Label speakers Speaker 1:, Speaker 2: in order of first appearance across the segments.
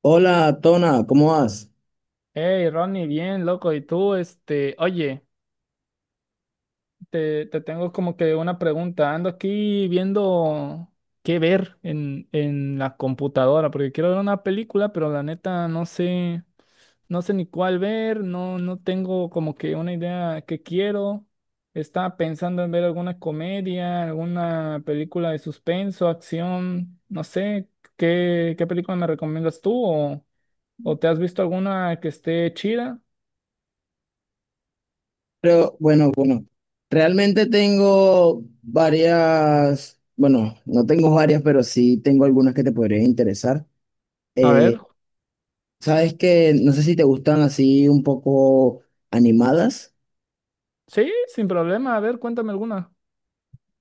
Speaker 1: Hola, Tona, ¿cómo vas?
Speaker 2: Hey, Ronnie, bien, loco. Y tú, este, oye, te tengo como que una pregunta. Ando aquí viendo qué ver en la computadora, porque quiero ver una película, pero la neta no sé, no sé ni cuál ver, no, no tengo como que una idea que quiero. Estaba pensando en ver alguna comedia, alguna película de suspenso, acción, no sé, ¿qué película me recomiendas tú? O te has visto alguna que esté chida?
Speaker 1: Pero bueno, realmente tengo varias, bueno, no tengo varias, pero sí tengo algunas que te podrían interesar.
Speaker 2: A ver.
Speaker 1: Eh, sabes que no sé si te gustan así un poco animadas.
Speaker 2: Sí, sin problema. A ver, cuéntame alguna.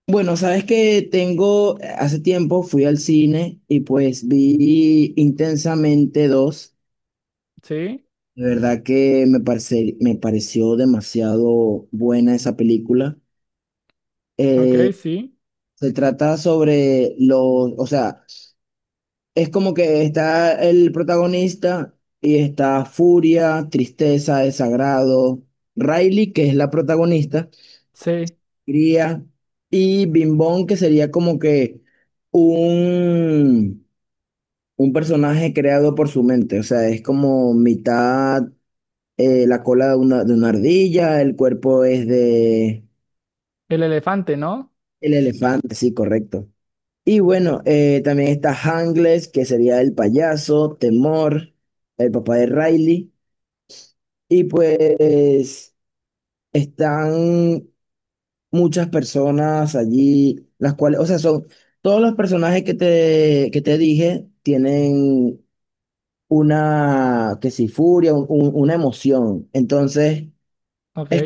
Speaker 1: Bueno, sabes que tengo, hace tiempo fui al cine y pues vi Intensamente dos.
Speaker 2: Sí,
Speaker 1: De verdad que me pareció demasiado buena esa película.
Speaker 2: ok,
Speaker 1: Eh,
Speaker 2: sí,
Speaker 1: Se trata sobre o sea, es como que está el protagonista y está furia, tristeza, desagrado, Riley, que es la protagonista,
Speaker 2: sí.
Speaker 1: Cría, y Bimbón, que sería como que un, un personaje creado por su mente, o sea, es como mitad la cola de de una ardilla, el cuerpo es de
Speaker 2: El elefante, ¿no?
Speaker 1: el elefante, sí, correcto. Y bueno, también está Hangles, que sería el payaso, Temor, el papá de Riley. Y pues están muchas personas allí, las cuales, o sea, son todos los personajes que que te dije tienen una, que si furia, una emoción. Entonces,
Speaker 2: Ok.
Speaker 1: es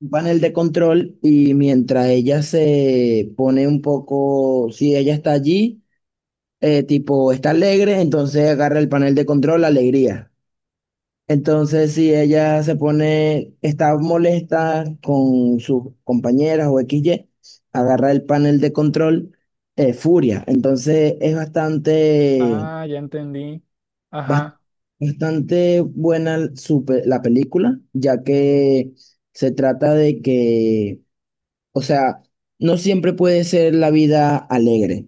Speaker 1: un panel de control y mientras ella se pone un poco, si ella está allí. Tipo, está alegre, entonces agarra el panel de control, alegría. Entonces, si ella se pone, está molesta con sus compañeras o X y agarra el panel de control, furia. Entonces, es bastante,
Speaker 2: Ah, ya entendí.
Speaker 1: bas-
Speaker 2: Ajá.
Speaker 1: bastante buena su la película, ya que se trata de que, o sea, no siempre puede ser la vida alegre.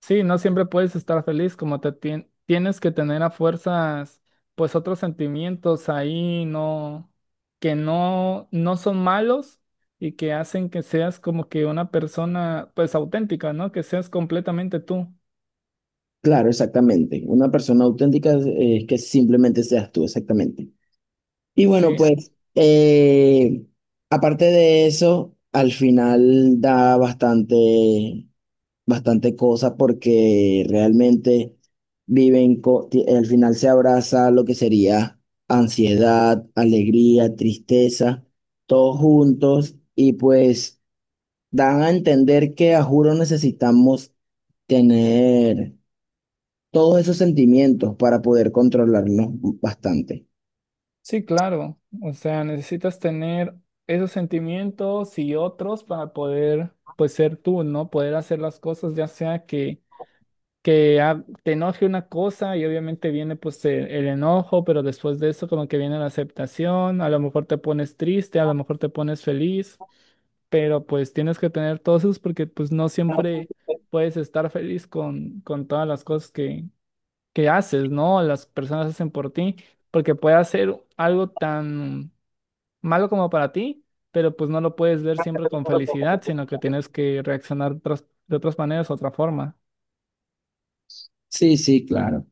Speaker 2: Sí, no siempre puedes estar feliz, como tienes que tener a fuerzas, pues otros sentimientos ahí, no, que no, no son malos y que hacen que seas como que una persona, pues auténtica, ¿no? Que seas completamente tú.
Speaker 1: Claro, exactamente. Una persona auténtica es que simplemente seas tú, exactamente. Y bueno,
Speaker 2: Sí.
Speaker 1: pues, aparte de eso, al final da bastante cosa porque realmente al final se abraza lo que sería ansiedad, alegría, tristeza, todos juntos y pues dan a entender que a juro necesitamos tener todos esos sentimientos para poder controlarnos bastante.
Speaker 2: Sí, claro. O sea, necesitas tener esos sentimientos y otros para poder, pues, ser tú, ¿no? Poder hacer las cosas, ya sea que ah, te enoje una cosa y obviamente viene, pues, el enojo, pero después de eso como que viene la aceptación, a lo mejor te pones triste, a lo mejor te pones feliz, pero pues tienes que tener todos esos porque, pues, no siempre puedes estar feliz con todas las cosas que haces, ¿no? Las personas hacen por ti, porque puede hacer algo tan malo como para ti, pero pues no lo puedes ver siempre con felicidad, sino que tienes que reaccionar otras- de otras maneras, otra forma.
Speaker 1: Sí, sí, claro.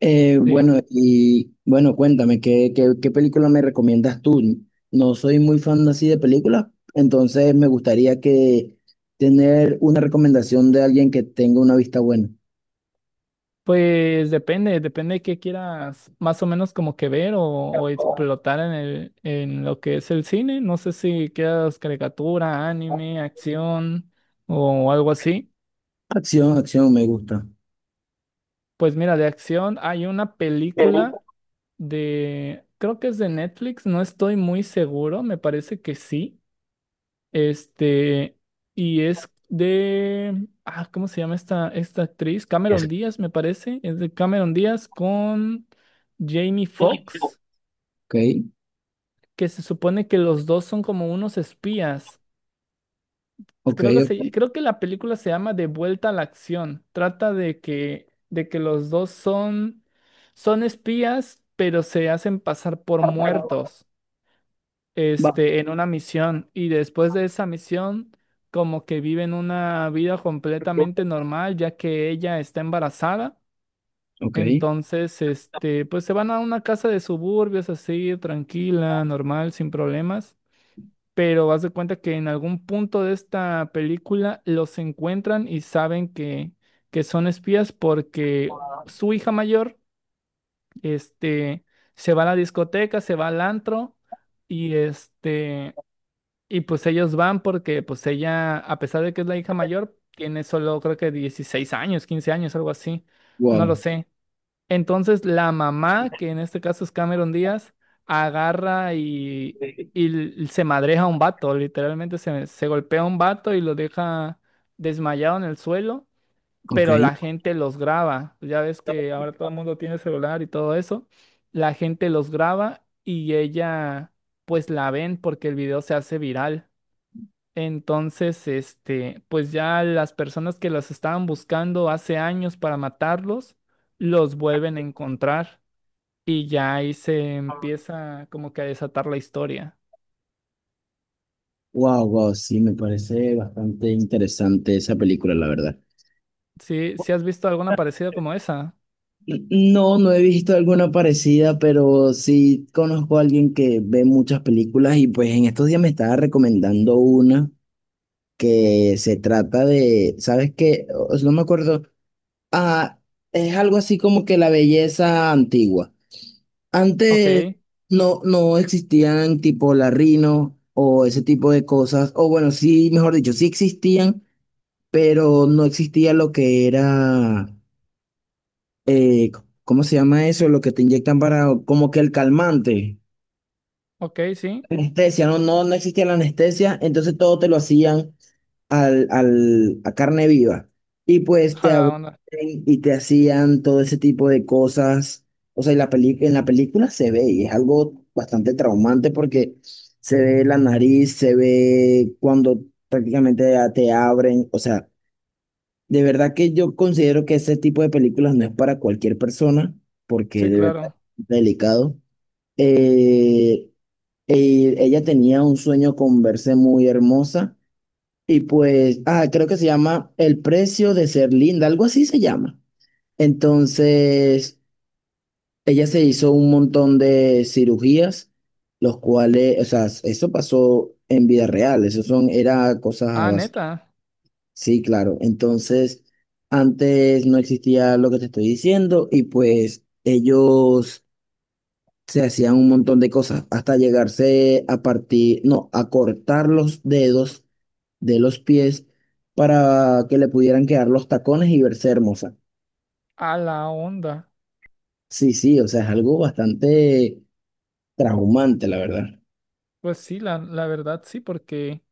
Speaker 2: Sí.
Speaker 1: Bueno, y bueno, cuéntame, ¿ qué película me recomiendas tú? No soy muy fan así de películas, entonces me gustaría que tener una recomendación de alguien que tenga una vista buena.
Speaker 2: Pues depende, depende de qué quieras más o menos como que ver o explotar en el, en lo que es el cine. No sé si quieras caricatura, anime, acción o algo así.
Speaker 1: Acción, me gusta.
Speaker 2: Pues mira, de acción hay una película de, creo que es de Netflix, no estoy muy seguro, me parece que sí. Este, y es de, ah, ¿cómo se llama esta, esta actriz? Cameron Díaz, me parece. Es de Cameron Díaz con Jamie
Speaker 1: Ok,
Speaker 2: Foxx, que se supone que los dos son como unos espías.
Speaker 1: ok.
Speaker 2: Creo que la película se llama De vuelta a la acción. Trata de que los dos son, son espías, pero se hacen pasar por muertos,
Speaker 1: Va,
Speaker 2: este, en una misión. Y después de esa misión, como que viven una vida completamente normal, ya que ella está embarazada.
Speaker 1: ok,
Speaker 2: Entonces, este, pues se van a una casa de suburbios así, tranquila, normal, sin problemas, pero haz de cuenta que en algún punto de esta película los encuentran y saben que son espías porque su hija mayor, este, se va a la discoteca, se va al antro y este, y pues ellos van porque pues ella, a pesar de que es la hija mayor, tiene solo creo que 16 años, 15 años, algo así, no
Speaker 1: wow,
Speaker 2: lo sé. Entonces la mamá, que en este caso es Cameron Díaz, agarra y, se madreja a un vato, literalmente se golpea a un vato y lo deja desmayado en el suelo,
Speaker 1: ok.
Speaker 2: pero la gente los graba. Ya ves que ahora todo el mundo tiene celular y todo eso. La gente los graba y ella, pues la ven porque el video se hace viral. Entonces, este, pues ya las personas que los estaban buscando hace años para matarlos, los vuelven a encontrar y ya ahí se empieza como que a desatar la historia.
Speaker 1: Wow, sí, me parece bastante interesante esa película, la verdad.
Speaker 2: ¿Sí, has visto alguna parecida como esa?
Speaker 1: No he visto alguna parecida, pero sí conozco a alguien que ve muchas películas y pues en estos días me estaba recomendando una que se trata de, ¿sabes qué? No me acuerdo. Ah, es algo así como que la belleza antigua.
Speaker 2: Ok,
Speaker 1: Antes no existían tipo la Rino o ese tipo de cosas, o bueno, sí, mejor dicho, sí existían pero no existía lo que era, eh, ¿cómo se llama eso? Lo que te inyectan para, como que el calmante,
Speaker 2: ok, sí.
Speaker 1: anestesia, no, no, no existía la anestesia, entonces todo te lo hacían a carne viva. Y pues te
Speaker 2: A la
Speaker 1: abrían
Speaker 2: onda.
Speaker 1: y te hacían todo ese tipo de cosas. O sea, y la en la película se ve y es algo bastante traumante porque se ve la nariz, se ve cuando prácticamente te abren, o sea. De verdad que yo considero que ese tipo de películas no es para cualquier persona, porque
Speaker 2: Sí,
Speaker 1: de verdad
Speaker 2: claro.
Speaker 1: es delicado. Eh, Ella tenía un sueño con verse muy hermosa y pues, ah, creo que se llama El precio de ser linda, algo así se llama. Entonces, ella se hizo un montón de cirugías, los cuales, o sea, eso pasó en vida real, eso son, era cosas a
Speaker 2: Ah,
Speaker 1: base.
Speaker 2: neta.
Speaker 1: Sí, claro. Entonces, antes no existía lo que te estoy diciendo y pues ellos se hacían un montón de cosas hasta llegarse a partir, no, a cortar los dedos de los pies para que le pudieran quedar los tacones y verse hermosa.
Speaker 2: A la onda.
Speaker 1: Sí, sí, o sea, es algo bastante traumante, la verdad.
Speaker 2: Pues sí, la verdad sí, porque,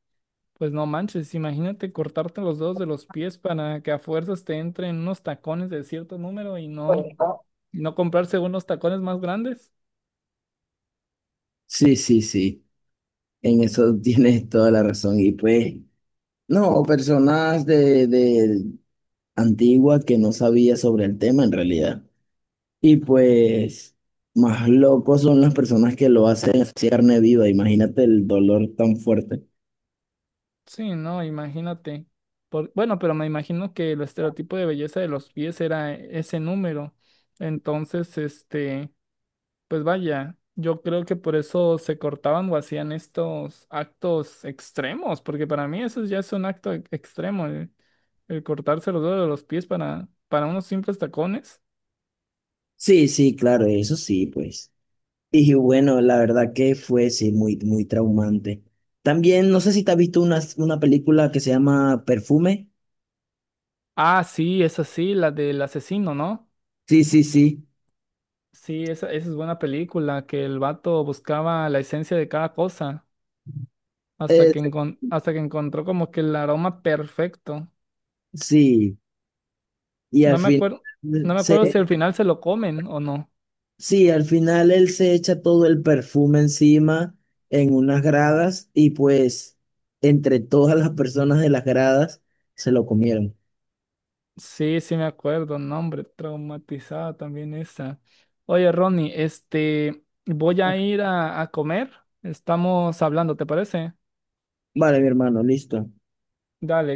Speaker 2: pues no manches, imagínate cortarte los dedos de los pies para que a fuerzas te entren unos tacones de cierto número y no. ¿Y no comprarse unos tacones más grandes?
Speaker 1: Sí, sí, sí. En eso tienes toda la razón. Y pues, no, personas de antigua que no sabía sobre el tema en realidad. Y pues más locos son las personas que lo hacen así carne viva, imagínate el dolor tan fuerte.
Speaker 2: Sí, no, imagínate. Por- bueno, pero me imagino que el estereotipo de belleza de los pies era ese número. Entonces, este, pues vaya, yo creo que por eso se cortaban o hacían estos actos extremos, porque para mí eso ya es un acto extremo, el cortarse los dedos de los pies para unos simples tacones.
Speaker 1: Sí, sí, claro, eso sí, pues. Y bueno, la verdad que fue, sí, muy, muy traumante. También, no sé si te has visto una película que se llama Perfume.
Speaker 2: Ah, sí, es así, la del asesino, ¿no?
Speaker 1: Sí, sí, sí.
Speaker 2: Sí, esa es buena película, que el vato buscaba la esencia de cada cosa hasta
Speaker 1: Eh,
Speaker 2: que, hasta que encontró como que el aroma perfecto.
Speaker 1: sí, y al
Speaker 2: No me
Speaker 1: final
Speaker 2: acuerdo,
Speaker 1: eh,
Speaker 2: no me acuerdo si al
Speaker 1: se,
Speaker 2: final se lo comen o no.
Speaker 1: Sí, al final él se echa todo el perfume encima en unas gradas y pues entre todas las personas de las gradas se lo comieron.
Speaker 2: Sí, sí me acuerdo, no, hombre, traumatizada también esa. Oye, Ronnie, este, voy a ir a comer. Estamos hablando, ¿te parece?
Speaker 1: Vale, mi hermano, listo.
Speaker 2: Dale.